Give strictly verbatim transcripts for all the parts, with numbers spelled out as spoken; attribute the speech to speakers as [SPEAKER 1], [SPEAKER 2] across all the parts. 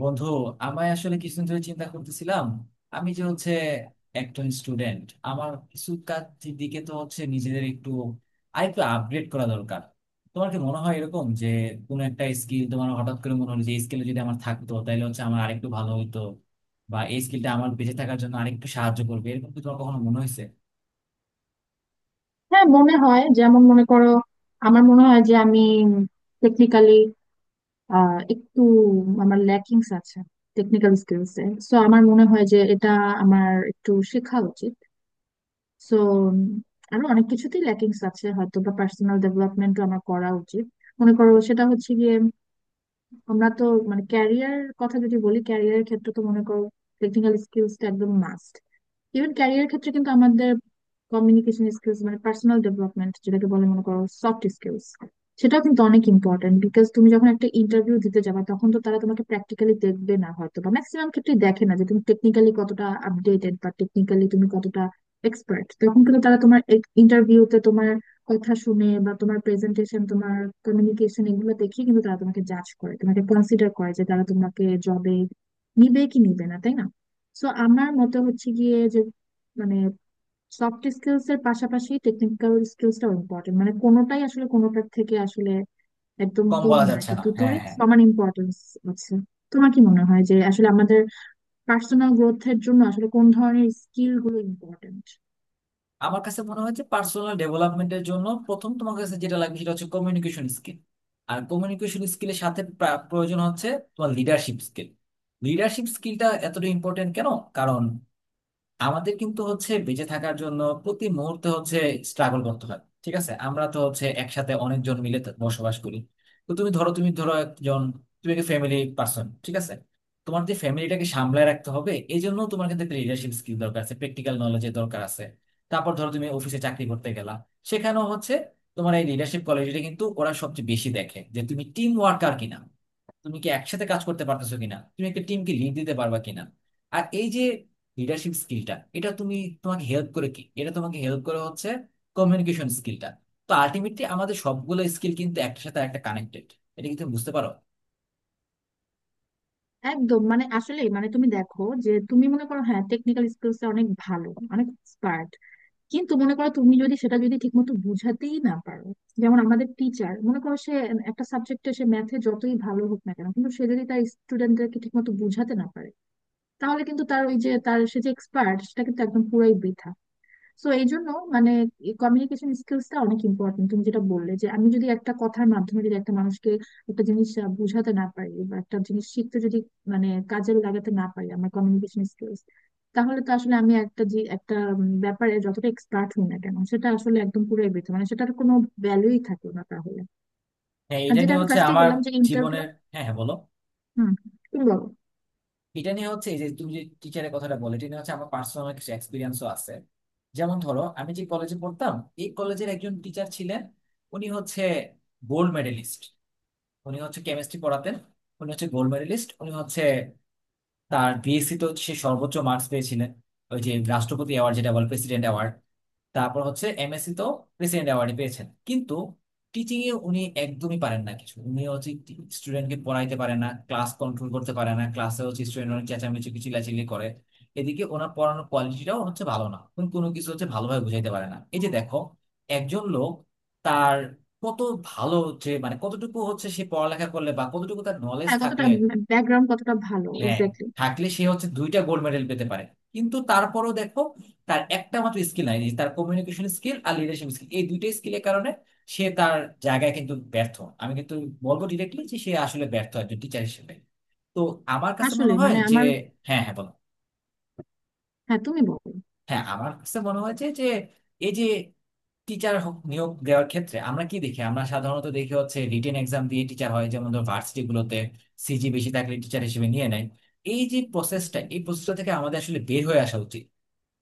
[SPEAKER 1] বন্ধু, আমি আসলে কিছুদিন ধরে চিন্তা করতেছিলাম আমি যে হচ্ছে একজন স্টুডেন্ট। আমার কিছু কাজের দিকে তো হচ্ছে নিজেদের একটু আরেকটু আপগ্রেড করা দরকার। তোমার কি মনে হয় এরকম যে কোনো একটা স্কিল তোমার হঠাৎ করে মনে হলো যে স্কিল যদি আমার থাকতো তাহলে হচ্ছে আমার আরেকটু ভালো হইতো, বা এই স্কিলটা আমার বেঁচে থাকার জন্য আরেকটু সাহায্য করবে, এরকম কি তোমার কখনো মনে হয়েছে?
[SPEAKER 2] হ্যাঁ, মনে হয়। যেমন মনে করো, আমার মনে হয় যে আমি টেকনিক্যালি একটু, আমার ল্যাকিংস আছে টেকনিক্যাল স্কিলস এ। সো আমার মনে হয় যে এটা আমার একটু শেখা উচিত। সো আরো অনেক কিছুতেই ল্যাকিংস আছে, হয়তো বা পার্সোনাল ডেভেলপমেন্টও আমার করা উচিত। মনে করো সেটা হচ্ছে গিয়ে আমরা তো মানে, ক্যারিয়ার কথা যদি বলি, ক্যারিয়ারের ক্ষেত্রে তো মনে করো টেকনিক্যাল স্কিলস টা একদম মাস্ট। ইভেন ক্যারিয়ার ক্ষেত্রে কিন্তু আমাদের কমিউনিকেশন স্কিলস মানে পার্সোনাল ডেভেলপমেন্ট যেটাকে বলে, মনে করো সফট স্কিলস, সেটাও কিন্তু অনেক ইম্পর্টেন্ট। বিকজ তুমি যখন একটা ইন্টারভিউ দিতে যাবে, তখন তো তারা তোমাকে প্র্যাকটিক্যালি দেখবে না, হয়তো বা ম্যাক্সিমাম ক্ষেত্রে দেখে না যে তুমি টেকনিক্যালি কতটা আপডেটেড বা টেকনিক্যালি তুমি কতটা এক্সপার্ট। তখন কিন্তু তারা তোমার ইন্টারভিউতে তোমার কথা শুনে বা তোমার প্রেজেন্টেশন, তোমার কমিউনিকেশন, এগুলো দেখে কিন্তু তারা তোমাকে জাজ করে, তোমাকে কনসিডার করে যে তারা তোমাকে জবে নিবে কি নিবে না, তাই না? সো আমার মতে হচ্ছে গিয়ে যে মানে, সফট স্কিলস এর পাশাপাশি টেকনিক্যাল স্কিলসটাও ইম্পর্টেন্ট, মানে কোনোটাই আসলে কোনোটার থেকে আসলে একদম
[SPEAKER 1] কম
[SPEAKER 2] কম
[SPEAKER 1] বলা
[SPEAKER 2] না আর
[SPEAKER 1] যাচ্ছে
[SPEAKER 2] কি,
[SPEAKER 1] না, হ্যাঁ,
[SPEAKER 2] দুটোরই
[SPEAKER 1] হ্যাঁ।
[SPEAKER 2] সমান ইম্পর্টেন্স আছে। তোমার কি মনে হয় যে আসলে আমাদের পার্সোনাল গ্রোথের জন্য আসলে কোন ধরনের স্কিল গুলো ইম্পর্টেন্ট?
[SPEAKER 1] আমার কাছে মনে হয় যে পার্সোনাল ডেভেলপমেন্টের জন্য প্রথম তোমার কাছে যেটা লাগবে সেটা হচ্ছে কমিউনিকেশন স্কিল। আর কমিউনিকেশন স্কিলের সাথে প্রা- প্রয়োজন হচ্ছে তোমার লিডারশিপ স্কিল। লিডারশিপ স্কিলটা এতটা ইম্পর্টেন্ট কেন? কারণ আমাদের কিন্তু হচ্ছে বেঁচে থাকার জন্য প্রতি মুহূর্তে হচ্ছে স্ট্রাগল করতে হয়। ঠিক আছে, আমরা তো হচ্ছে একসাথে অনেকজন মিলে তো বসবাস করি। তো তুমি ধরো তুমি ধরো একজন, তুমি একটা ফ্যামিলি পার্সন, ঠিক আছে। তোমার যে ফ্যামিলিটাকে সামলায় রাখতে হবে, এই জন্য তোমার কিন্তু লিডারশিপ স্কিল দরকার আছে, প্র্যাকটিক্যাল নলেজের দরকার আছে। তারপর ধরো তুমি অফিসে চাকরি করতে গেলা, সেখানেও হচ্ছে তোমার এই লিডারশিপ কোয়ালিটিটা কিন্তু ওরা সবচেয়ে বেশি দেখে, যে তুমি টিম ওয়ার্কার কিনা, তুমি কি একসাথে কাজ করতে পারতেছো কিনা, তুমি একটা টিমকে লিড দিতে পারবা কিনা। আর এই যে লিডারশিপ স্কিলটা, এটা তুমি, তোমাকে হেল্প করে কি? এটা তোমাকে হেল্প করে হচ্ছে কমিউনিকেশন স্কিলটা। তো আলটিমেটলি আমাদের সবগুলো স্কিল কিন্তু একটার সাথে একটা কানেক্টেড। এটা কি তুমি বুঝতে পারো?
[SPEAKER 2] একদম, মানে আসলে মানে তুমি দেখো যে তুমি মনে করো হ্যাঁ, টেকনিক্যাল স্কিলস এ অনেক ভালো, অনেক এক্সপার্ট, কিন্তু মনে করো তুমি যদি সেটা যদি ঠিকমতো বোঝাতেই না পারো। যেমন আমাদের টিচার, মনে করো সে একটা সাবজেক্টে, সে ম্যাথে যতই ভালো হোক না কেন, কিন্তু সে যদি তার স্টুডেন্টদেরকে ঠিকমতো বোঝাতে না পারে, তাহলে কিন্তু তার ওই যে তার সে যে এক্সপার্ট, সেটা কিন্তু একদম পুরাই বৃথা। সো এই জন্য মানে, কমিউনিকেশন স্কিলসটা অনেক ইম্পর্টেন্ট। তুমি যেটা বললে যে আমি যদি একটা কথার মাধ্যমে যদি একটা মানুষকে একটা জিনিস আহ, বোঝাতে না পারি বা একটা জিনিস শিখতে যদি মানে কাজে লাগাতে না পারি আমার কমিউনিকেশন স্কিলস, তাহলে তো আসলে আমি একটা যে একটা উম, ব্যাপারে যতটা এক্সপার্ট হই না কেন, সেটা আসলে একদম পুরোই বৃথা, মানে সেটার কোনো ভ্যালুই থাকলো না তাহলে।
[SPEAKER 1] হ্যাঁ,
[SPEAKER 2] আর
[SPEAKER 1] এটা
[SPEAKER 2] যেটা
[SPEAKER 1] নিয়ে
[SPEAKER 2] আমি
[SPEAKER 1] হচ্ছে
[SPEAKER 2] ফার্স্টেই
[SPEAKER 1] আমার
[SPEAKER 2] বললাম যে ইন্টারভিউ।
[SPEAKER 1] জীবনের, হ্যাঁ হ্যাঁ, বলো।
[SPEAKER 2] হুম। তুমি বলো।
[SPEAKER 1] এটা নিয়ে হচ্ছে এই যে তুমি যে টিচারের কথাটা বলে, এটা নিয়ে হচ্ছে আমার পার্সোনাল কিছু এক্সপিরিয়েন্সও আছে। যেমন ধরো, আমি যে কলেজে পড়তাম, এই কলেজের একজন টিচার ছিলেন। উনি হচ্ছে গোল্ড মেডেলিস্ট, উনি হচ্ছে কেমিস্ট্রি পড়াতেন। উনি হচ্ছে গোল্ড মেডেলিস্ট, উনি হচ্ছে তার বিএসসি তো সে সর্বোচ্চ মার্কস পেয়েছিলেন, ওই যে রাষ্ট্রপতি অ্যাওয়ার্ড, যেটা বলে প্রেসিডেন্ট অ্যাওয়ার্ড। তারপর হচ্ছে এমএসসি তো প্রেসিডেন্ট অ্যাওয়ার্ডে পেয়েছেন। কিন্তু টিচিং এ উনি একদমই পারেন না কিছু। উনি হচ্ছে স্টুডেন্টকে পড়াইতে পারে না, ক্লাস কন্ট্রোল করতে পারে না, ক্লাসে হচ্ছে স্টুডেন্ট অনেক চেঁচামেচি কিছু চিল্লাচিল্লি করে। এদিকে ওনার পড়ানোর কোয়ালিটিটাও হচ্ছে ভালো না, উনি কোনো কিছু হচ্ছে ভালোভাবে বুঝাইতে পারে না। এই যে দেখো, একজন লোক তার কত ভালো, যে মানে কতটুকু হচ্ছে সে পড়ালেখা করলে বা কতটুকু তার নলেজ
[SPEAKER 2] হ্যাঁ, কতটা
[SPEAKER 1] থাকলে,
[SPEAKER 2] ব্যাকগ্রাউন্ড কতটা ভালো,
[SPEAKER 1] হ্যাঁ,
[SPEAKER 2] এক্স্যাক্টলি।
[SPEAKER 1] থাকলে সে হচ্ছে দুইটা গোল্ড মেডেল পেতে পারে। কিন্তু তারপরও দেখো, তার একটা মাত্র স্কিল নাই, তার কমিউনিকেশন স্কিল আর লিডারশিপ স্কিল, এই দুইটা স্কিলের কারণে সে তার জায়গায় কিন্তু ব্যর্থ। আমি কিন্তু বলবো ডিরেক্টলি যে সে আসলে ব্যর্থ একজন টিচার হিসেবে। তো আমার কাছে মনে
[SPEAKER 2] আসলে
[SPEAKER 1] হয়
[SPEAKER 2] মানে
[SPEAKER 1] যে,
[SPEAKER 2] আমার।
[SPEAKER 1] হ্যাঁ হ্যাঁ, বলো।
[SPEAKER 2] হ্যাঁ, তুমি বলো।
[SPEAKER 1] হ্যাঁ, আমার কাছে মনে হয় যে যে এই যে টিচার নিয়োগ দেওয়ার ক্ষেত্রে আমরা কি দেখি? আমরা সাধারণত দেখি হচ্ছে রিটেন এক্সাম দিয়ে টিচার হয়। যেমন ধর ভার্সিটি গুলোতে সিজি বেশি থাকলে টিচার হিসেবে নিয়ে নেয়। এই যে প্রসেসটা, এই প্রসেসটা
[SPEAKER 2] একদম।
[SPEAKER 1] থেকে আমাদের আসলে বের হয়ে আসা উচিত।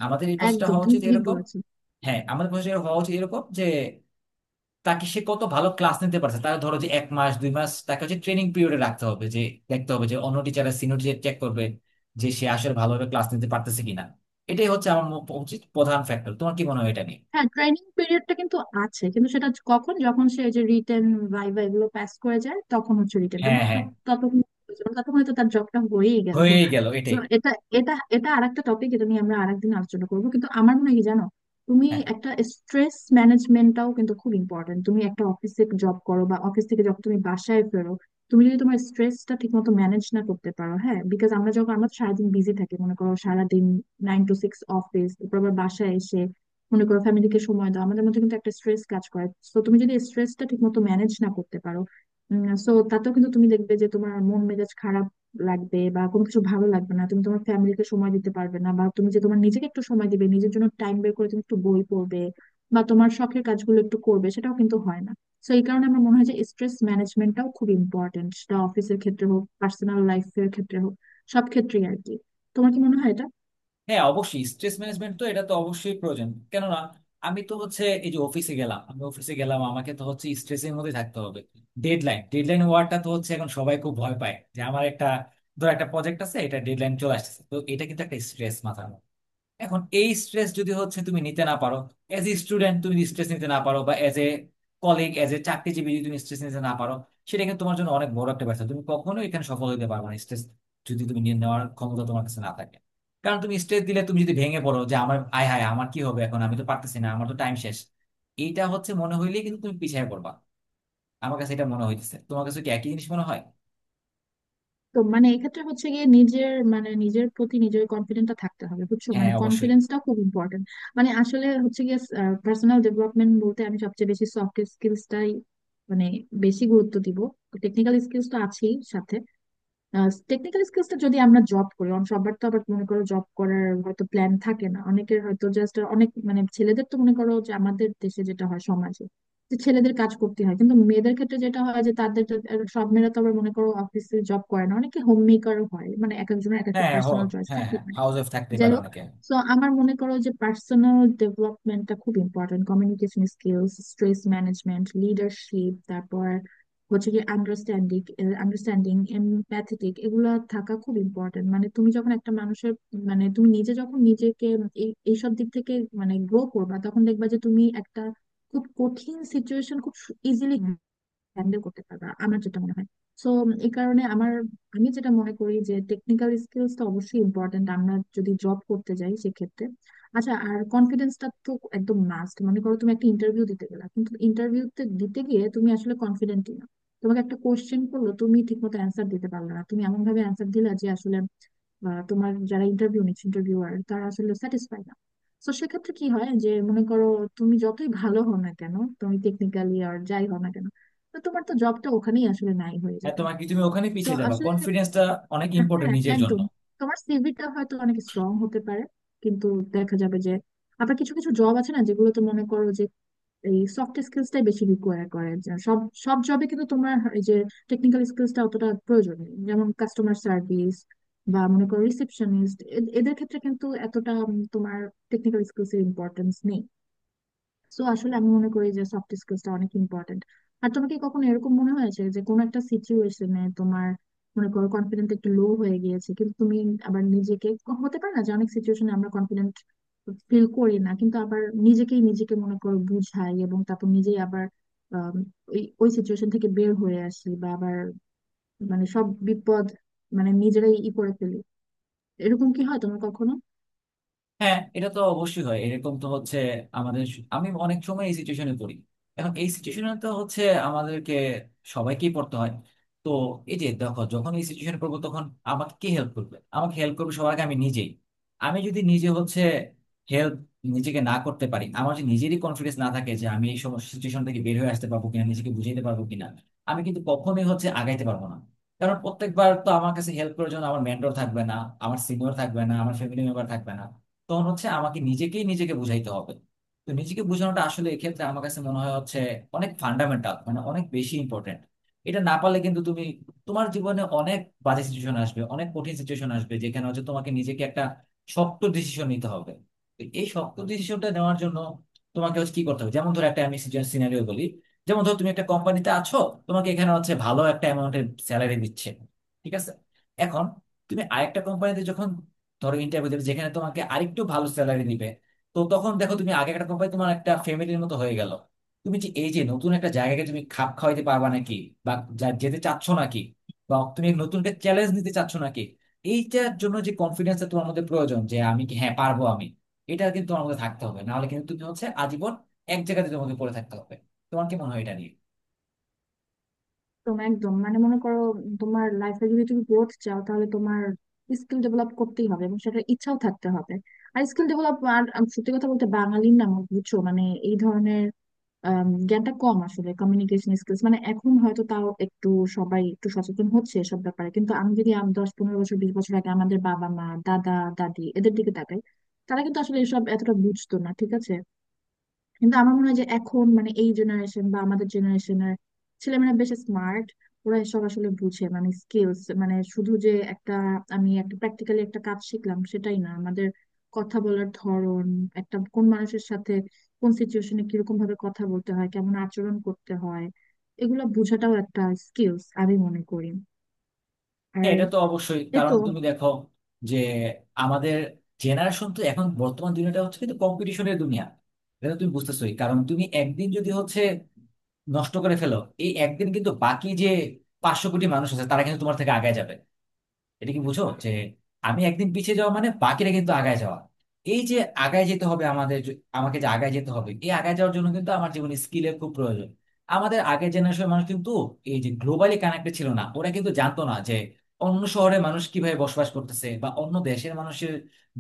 [SPEAKER 1] আমাদের এই প্রসেসটা
[SPEAKER 2] একদম,
[SPEAKER 1] হওয়া
[SPEAKER 2] তুমি
[SPEAKER 1] উচিত
[SPEAKER 2] ঠিক
[SPEAKER 1] এরকম।
[SPEAKER 2] বলেছো।
[SPEAKER 1] হ্যাঁ, আমাদের প্রসেসটা হওয়া উচিত এরকম যে তাকে, সে কত ভালো ক্লাস নিতে পারছে, তার ধরো যে এক মাস দুই মাস তাকে হচ্ছে ট্রেনিং পিরিয়ডে রাখতে হবে, যে দেখতে হবে যে অন্য টিচাররা, সিনিয়র টিচার চেক করবে যে সে আসলে ভালোভাবে ক্লাস নিতে পারতেছে কিনা। এটাই হচ্ছে আমার ম- উচিত প্রধান ফ্যাক্টর। তোমার কি মনে হয় এটা নিয়ে?
[SPEAKER 2] হ্যাঁ, ট্রেনিং পিরিয়ডটা কিন্তু আছে, কিন্তু সেটা হচ্ছে কখন, যখন সে এই যে রিটেন, ভাইভা এগুলো পাস করে যায়, তখন হচ্ছে রিটেনটা,
[SPEAKER 1] হ্যাঁ হ্যাঁ,
[SPEAKER 2] ততক্ষণ, ততক্ষণে তো তার জবটা হয়েই গেল।
[SPEAKER 1] হয়ে গেল,
[SPEAKER 2] তো
[SPEAKER 1] এটাই।
[SPEAKER 2] এটা এটা এটা আরেকটা টপিক, এটা নিয়ে আমরা আরেকদিন আলোচনা করবো। কিন্তু আমার মনে হয় কি জানো, তুমি
[SPEAKER 1] হ্যাঁ
[SPEAKER 2] একটা, স্ট্রেস ম্যানেজমেন্টটাও কিন্তু খুব ইম্পর্টেন্ট। তুমি একটা অফিসে জব করো বা অফিস থেকে যখন তুমি বাসায় ফেরো, তুমি যদি তোমার স্ট্রেসটা ঠিক মতো ম্যানেজ না করতে পারো, হ্যাঁ, বিকজ আমরা যখন, আমরা তো সারাদিন বিজি থাকি, মনে করো সারাদিন নাইন টু সিক্স অফিস, তারপর আবার বাসায় এসে মনে করো ফ্যামিলিকে সময় দাও, আমাদের মধ্যে কিন্তু একটা স্ট্রেস কাজ করে। তো তুমি যদি স্ট্রেসটা ঠিক মতো ম্যানেজ না করতে পারো, সো তাতেও কিন্তু তুমি দেখবে যে তোমার মন মেজাজ খারাপ লাগবে বা কোনো কিছু ভালো লাগবে না, তুমি তোমার ফ্যামিলিকে সময় দিতে পারবে না, বা তুমি যে তোমার নিজেকে একটু সময় দিবে, নিজের জন্য টাইম বের করে তুমি একটু বই পড়বে বা তোমার শখের কাজগুলো একটু করবে, সেটাও কিন্তু হয় না। তো এই কারণে আমার মনে হয় যে স্ট্রেস ম্যানেজমেন্টটাও খুব ইম্পর্টেন্ট, সেটা অফিসের ক্ষেত্রে হোক, পার্সোনাল লাইফের ক্ষেত্রে হোক, সব ক্ষেত্রেই আর কি। তোমার কি মনে হয় এটা?
[SPEAKER 1] হ্যাঁ, অবশ্যই স্ট্রেস ম্যানেজমেন্ট তো, এটা তো অবশ্যই প্রয়োজন। কেননা আমি তো হচ্ছে এই যে অফিসে গেলাম, আমি অফিসে গেলাম, আমাকে তো হচ্ছে স্ট্রেসের মধ্যে থাকতে হবে। ডেডলাইন, ডেডলাইন ওয়ার্ডটা তো হচ্ছে এখন সবাই খুব ভয় পায়, যে আমার একটা, ধর একটা প্রজেক্ট আছে, এটা ডেডলাইন চলে আসছে, তো এটা কিন্তু একটা স্ট্রেস মাথার। এখন এই স্ট্রেস যদি হচ্ছে তুমি নিতে না পারো, এজ এ স্টুডেন্ট তুমি স্ট্রেস নিতে না পারো, বা as a colleague, as a চাকরিজীবী যদি তুমি স্ট্রেস নিতে না পারো, সেটা কিন্তু তোমার জন্য অনেক বড় একটা ব্যর্থ। তুমি কখনোই এখানে সফল হতে পারবে না, স্ট্রেস যদি তুমি নিয়ে নেওয়ার ক্ষমতা তোমার কাছে না থাকে। কারণ তুমি স্ট্রেস দিলে, তুমি যদি ভেঙে পড়ো, যে আমার আয় হায়, আমার কি হবে এখন, আমি তো পারতেছি না, আমার তো টাইম শেষ, এইটা হচ্ছে মনে হইলেই কিন্তু তুমি পিছিয়ে পড়বা। আমার কাছে এটা মনে হইতেছে, তোমার কাছে কি একই জিনিস মনে হয়?
[SPEAKER 2] তো মানে এক্ষেত্রে হচ্ছে গিয়ে নিজের মানে নিজের প্রতি নিজের কনফিডেন্টটা থাকতে হবে, বুঝছো? মানে
[SPEAKER 1] হ্যাঁ, অবশ্যই।
[SPEAKER 2] কনফিডেন্সটা খুব ইম্পর্টেন্ট। মানে আসলে হচ্ছে গিয়ে পার্সোনাল ডেভেলপমেন্ট বলতে আমি সবচেয়ে বেশি সফট স্কিলসটাই মানে বেশি গুরুত্ব দিব। টেকনিক্যাল স্কিলস তো আছেই সাথে, টেকনিক্যাল স্কিলসটা যদি আমরা জব করি, অন- সবার তো আবার মনে করো জব করার হয়তো প্ল্যান থাকে না অনেকের, হয়তো জাস্ট অনেক মানে, ছেলেদের তো মনে করো যে আমাদের দেশে যেটা হয় সমাজে যে ছেলেদের কাজ করতে হয়, কিন্তু মেয়েদের ক্ষেত্রে যেটা হয় যে তাদের তো- আর সব মেয়েরা তো আবার মনে করো অফিসে জব করে না, অনেকে হোম মেকার হয়, মানে এক একজনের এক একটা
[SPEAKER 1] হ্যাঁ, হ।
[SPEAKER 2] পার্সোনাল চয়েস
[SPEAKER 1] হ্যাঁ
[SPEAKER 2] থাকে।
[SPEAKER 1] হ্যাঁ, হাউস ওয়াইফ থাকতেই
[SPEAKER 2] যাই
[SPEAKER 1] পারে
[SPEAKER 2] হোক।
[SPEAKER 1] অনেকে।
[SPEAKER 2] তো আমার মনে করো যে পার্সোনাল ডেভেলপমেন্টটা খুব important, communication skills, stress management, leadership, তারপর হচ্ছে কি আন্ডারস্ট্যান্ডিং। আন্ডারস্ট্যান্ডিং, এমপ্যাথেটিক, এগুলো থাকা খুব ইম্পর্টেন্ট। মানে তুমি যখন একটা মানুষের মানে তুমি নিজে যখন নিজেকে এই এইসব দিক থেকে মানে গ্রো করবা, তখন দেখবা যে তুমি একটা খুব কঠিন সিচুয়েশন খুব ইজিলি হ্যান্ডেল করতে পারবা, আমার যেটা মনে হয়। সো এই কারণে আমার, আমি যেটা মনে করি যে টেকনিক্যাল স্কিলস তো অবশ্যই ইম্পর্টেন্ট আমরা যদি জব করতে যাই সেক্ষেত্রে। আচ্ছা, আর কনফিডেন্সটা তো একদম মাস্ট। মনে করো তুমি একটা ইন্টারভিউ দিতে গেলা কিন্তু ইন্টারভিউতে দিতে গিয়ে তুমি আসলে কনফিডেন্টই না, তোমাকে একটা কোশ্চেন করলো তুমি ঠিকমতো অ্যান্সার দিতে পারলে না, তুমি এমন ভাবে অ্যান্সার দিলা যে আসলে আহ, তোমার যারা ইন্টারভিউ নিচ্ছে ইন্টারভিউয়ার, তারা আসলে স্যাটিসফাই না। তো সেক্ষেত্রে কি হয় যে মনে করো তুমি যতই ভালো হও না কেন, তুমি টেকনিক্যালি আর যাই হও না কেন, তো তোমার তো জবটা ওখানেই আসলে নাই হয়ে
[SPEAKER 1] হ্যাঁ,
[SPEAKER 2] যাবে।
[SPEAKER 1] তোমার কি, তুমি ওখানে
[SPEAKER 2] তো
[SPEAKER 1] পিছিয়ে যাবা,
[SPEAKER 2] আসলে,
[SPEAKER 1] কনফিডেন্সটা অনেক ইম্পর্টেন্ট
[SPEAKER 2] হ্যাঁ
[SPEAKER 1] নিজের জন্য।
[SPEAKER 2] একদম। তোমার সিভিটা হয়তো অনেক স্ট্রং হতে পারে, কিন্তু দেখা যাবে যে আবার কিছু কিছু জব আছে না যেগুলো তো মনে করো যে এই সফট স্কিলসটাই বেশি রিকোয়ার করে, যে সব সব জবে কিন্তু তোমার এই যে টেকনিক্যাল স্কিলসটা অতটা প্রয়োজন নেই, যেমন কাস্টমার সার্ভিস বা মনে করো রিসেপশনিস্ট, এদের ক্ষেত্রে কিন্তু এতটা উম, তোমার টেকনিক্যাল স্কিলস এর ইম্পর্টেন্স নেই। তো আসলে আমি মনে করি যে সফট স্কিলসটা অনেক ইম্পর্টেন্ট। আর তোমাকে কি কখনো এরকম মনে হয়েছে যে কোনো একটা সিচুয়েশনে তোমার মনে করো কনফিডেন্ট একটু লো হয়ে গিয়েছে, কিন্তু তুমি আবার নিজেকে, হতে পারে না যে অনেক সিচুয়েশনে আমরা কনফিডেন্ট ফিল করি না, কিন্তু আবার নিজেকেই নিজেকে মনে করো বুঝাই এবং তারপর নিজেই আবার আম, ওই ওই সিচুয়েশন থেকে বের হয়ে আসি বা আবার মানে সব বিপদ মানে নিজেরাই ই করে ফেলি। এরকম কি হয় তোমার কখনো?
[SPEAKER 1] হ্যাঁ, এটা তো অবশ্যই হয় এরকম, তো হচ্ছে আমাদের, আমি অনেক সময় এই সিচুয়েশনে পড়ি। এখন এই সিচুয়েশনে তো হচ্ছে আমাদেরকে সবাইকেই পড়তে হয়। তো এই যে দেখো, যখন এই সিচুয়েশনে পড়বো তখন আমাকে কে হেল্প করবে? আমাকে হেল্প করবে সবার আগে আমি নিজেই। আমি যদি নিজে হচ্ছে হেল্প নিজেকে না করতে পারি, আমার যদি নিজেরই কনফিডেন্স না থাকে যে আমি এই সমস্ত সিচুয়েশন থেকে বের হয়ে আসতে পারবো কিনা, নিজেকে বুঝাইতে পারবো কিনা, আমি কিন্তু কখনোই হচ্ছে আগাইতে পারবো না। কারণ প্রত্যেকবার তো আমার কাছে হেল্প করার জন্য আমার মেন্টর থাকবে না, আমার সিনিয়র থাকবে না, আমার ফ্যামিলি মেম্বার থাকবে না। তখন হচ্ছে আমাকে নিজেকেই নিজেকে বুঝাইতে হবে। তো নিজেকে বোঝানোটা আসলে এক্ষেত্রে আমার কাছে মনে হয় হচ্ছে অনেক ফান্ডামেন্টাল, মানে অনেক বেশি ইম্পর্টেন্ট। এটা না পারলে কিন্তু তুমি, তোমার জীবনে অনেক বাজে সিচুয়েশন আসবে, অনেক কঠিন সিচুয়েশন আসবে, যেখানে হচ্ছে তোমাকে নিজেকে একটা শক্ত ডিসিশন নিতে হবে। তো এই শক্ত ডিসিশনটা নেওয়ার জন্য তোমাকে হচ্ছে কি করতে হবে, যেমন ধরো একটা, আমি সিনারিও বলি। যেমন ধরো তুমি একটা কোম্পানিতে আছো, তোমাকে এখানে হচ্ছে ভালো একটা অ্যামাউন্টের স্যালারি দিচ্ছে, ঠিক আছে। এখন তুমি আরেকটা কোম্পানিতে যখন ধরো ইন্টারভিউ দেবে, যেখানে তোমাকে আরেকটু ভালো স্যালারি দিবে। তো তখন দেখো, তুমি আগে একটা কোম্পানি তোমার একটা ফ্যামিলির মতো হয়ে গেল, তুমি যে এই যে নতুন একটা জায়গাকে তুমি খাপ খাওয়াইতে পারবা নাকি, বা যা- যেতে চাচ্ছ নাকি, বা তুমি নতুন একটা চ্যালেঞ্জ নিতে চাচ্ছ নাকি, এইটার জন্য যে কনফিডেন্সটা তোমার মধ্যে প্রয়োজন, যে আমি কি, হ্যাঁ পারবো আমি, এটা কিন্তু তোমার মধ্যে থাকতে হবে, নাহলে কিন্তু তুমি হচ্ছে আজীবন এক জায়গাতে তোমাকে পড়ে থাকতে হবে। তোমার কি মনে হয় এটা নিয়ে?
[SPEAKER 2] একদম, একদম, মানে মনে করো তোমার লাইফে যদি তুমি গ্রোথ চাও তাহলে তোমার স্কিল ডেভেলপ করতেই হবে এবং সেটা ইচ্ছাও থাকতে হবে। আর স্কিল ডেভেলপ আর আম, সত্যি কথা বলতে বাঙালির না আমার, বুঝছো মানে এই ধরনের আম, জ্ঞানটা কম আসলে। কমিউনিকেশন স্কিলস মানে এখন হয়তো তাও একটু সবাই একটু সচেতন হচ্ছে এসব ব্যাপারে, কিন্তু আমি যদি আম দশ পনেরো বছর, বিশ বছর আগে আমাদের বাবা মা দাদা দাদি এদের দিকে তাকাই, তারা কিন্তু আসলে এসব এতটা বুঝতো না, ঠিক আছে। কিন্তু আমার মনে হয় যে এখন মানে এই জেনারেশন বা আমাদের জেনারেশনের ছেলেমেয়েরা বেশ স্মার্ট, ওরা এসব আসলে বুঝে। মানে স্কিলস মানে শুধু যে একটা, আমি একটা প্র্যাকটিক্যালি একটা কাজ শিখলাম সেটাই না, আমাদের কথা বলার ধরন, একটা কোন মানুষের সাথে কোন সিচুয়েশনে কিরকম ভাবে কথা বলতে হয়, কেমন আচরণ করতে হয়, এগুলো বোঝাটাও একটা স্কিলস আমি মনে করি। আর
[SPEAKER 1] হ্যাঁ, এটা তো অবশ্যই, কারণ
[SPEAKER 2] এতো,
[SPEAKER 1] তুমি দেখো যে আমাদের জেনারেশন তো, এখন বর্তমান দুনিয়াটা হচ্ছে কিন্তু কম্পিটিশনের দুনিয়া। এটা তো তুমি বুঝতেছোই, কারণ তুমি একদিন যদি হচ্ছে নষ্ট করে ফেলো, এই একদিন কিন্তু বাকি যে পাঁচশো কোটি মানুষ আছে তারা কিন্তু তোমার থেকে আগায় যাবে। এটা কি বুঝো যে আমি একদিন পিছিয়ে যাওয়া মানে বাকিরা কিন্তু আগায় যাওয়া। এই যে আগায় যেতে হবে আমাদের, জ- আমাকে যে আগায় যেতে হবে, এই আগায় যাওয়ার জন্য কিন্তু আমার জীবনে স্কিলের খুব প্রয়োজন। আমাদের আগের জেনারেশনের মানুষ কিন্তু এই যে গ্লোবালি কানেক্টেড ছিল না, ওরা কিন্তু জানতো না যে অন্য শহরে মানুষ কিভাবে বসবাস করতেছে, বা অন্য দেশের মানুষের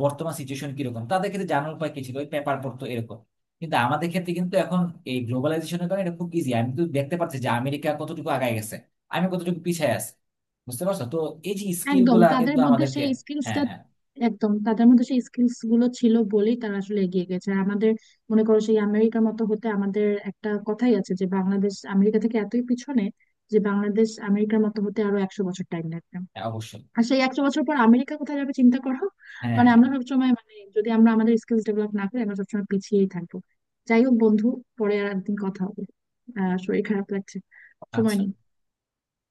[SPEAKER 1] বর্তমান সিচুয়েশন কিরকম, তাদের ক্ষেত্রে জানার উপায় কি ছিল, ওই পেপার পড়তো এরকম। কিন্তু আমাদের ক্ষেত্রে কিন্তু এখন এই গ্লোবালাইজেশনের কারণে এটা খুব ইজি। আমি কিন্তু দেখতে পাচ্ছি যে আমেরিকা কতটুকু আগায় গেছে, আমি কতটুকু পিছিয়ে আছি, বুঝতে পারছো তো? এই যে স্কিল
[SPEAKER 2] একদম
[SPEAKER 1] গুলা
[SPEAKER 2] তাদের
[SPEAKER 1] কিন্তু
[SPEAKER 2] মধ্যে
[SPEAKER 1] আমাদেরকে,
[SPEAKER 2] সেই
[SPEAKER 1] হ্যাঁ
[SPEAKER 2] স্কিলসটা,
[SPEAKER 1] হ্যাঁ।
[SPEAKER 2] একদম তাদের মধ্যে সেই স্কিলস গুলো ছিল বলেই তারা আসলে এগিয়ে গেছে। আর আমাদের মনে করো সেই আমেরিকার মতো হতে, আমাদের একটা কথাই আছে যে বাংলাদেশ আমেরিকা থেকে এতই পিছনে যে বাংলাদেশ আমেরিকার মতো হতে আরো একশো বছর টাইম লাগবে।
[SPEAKER 1] হ্যাঁ, অবশ্যই।
[SPEAKER 2] আর সেই একশো বছর পর আমেরিকা কোথায় যাবে চিন্তা করো।
[SPEAKER 1] হ্যাঁ
[SPEAKER 2] মানে
[SPEAKER 1] হ্যাঁ।
[SPEAKER 2] আমরা সবসময়, মানে যদি আমরা আমাদের স্কিলস ডেভেলপ না করি, আমরা সবসময় পিছিয়েই থাকবো। যাই হোক বন্ধু, পরে আর একদিন কথা হবে। আহ, শরীর খারাপ লাগছে, সময় নেই।
[SPEAKER 1] আচ্ছা।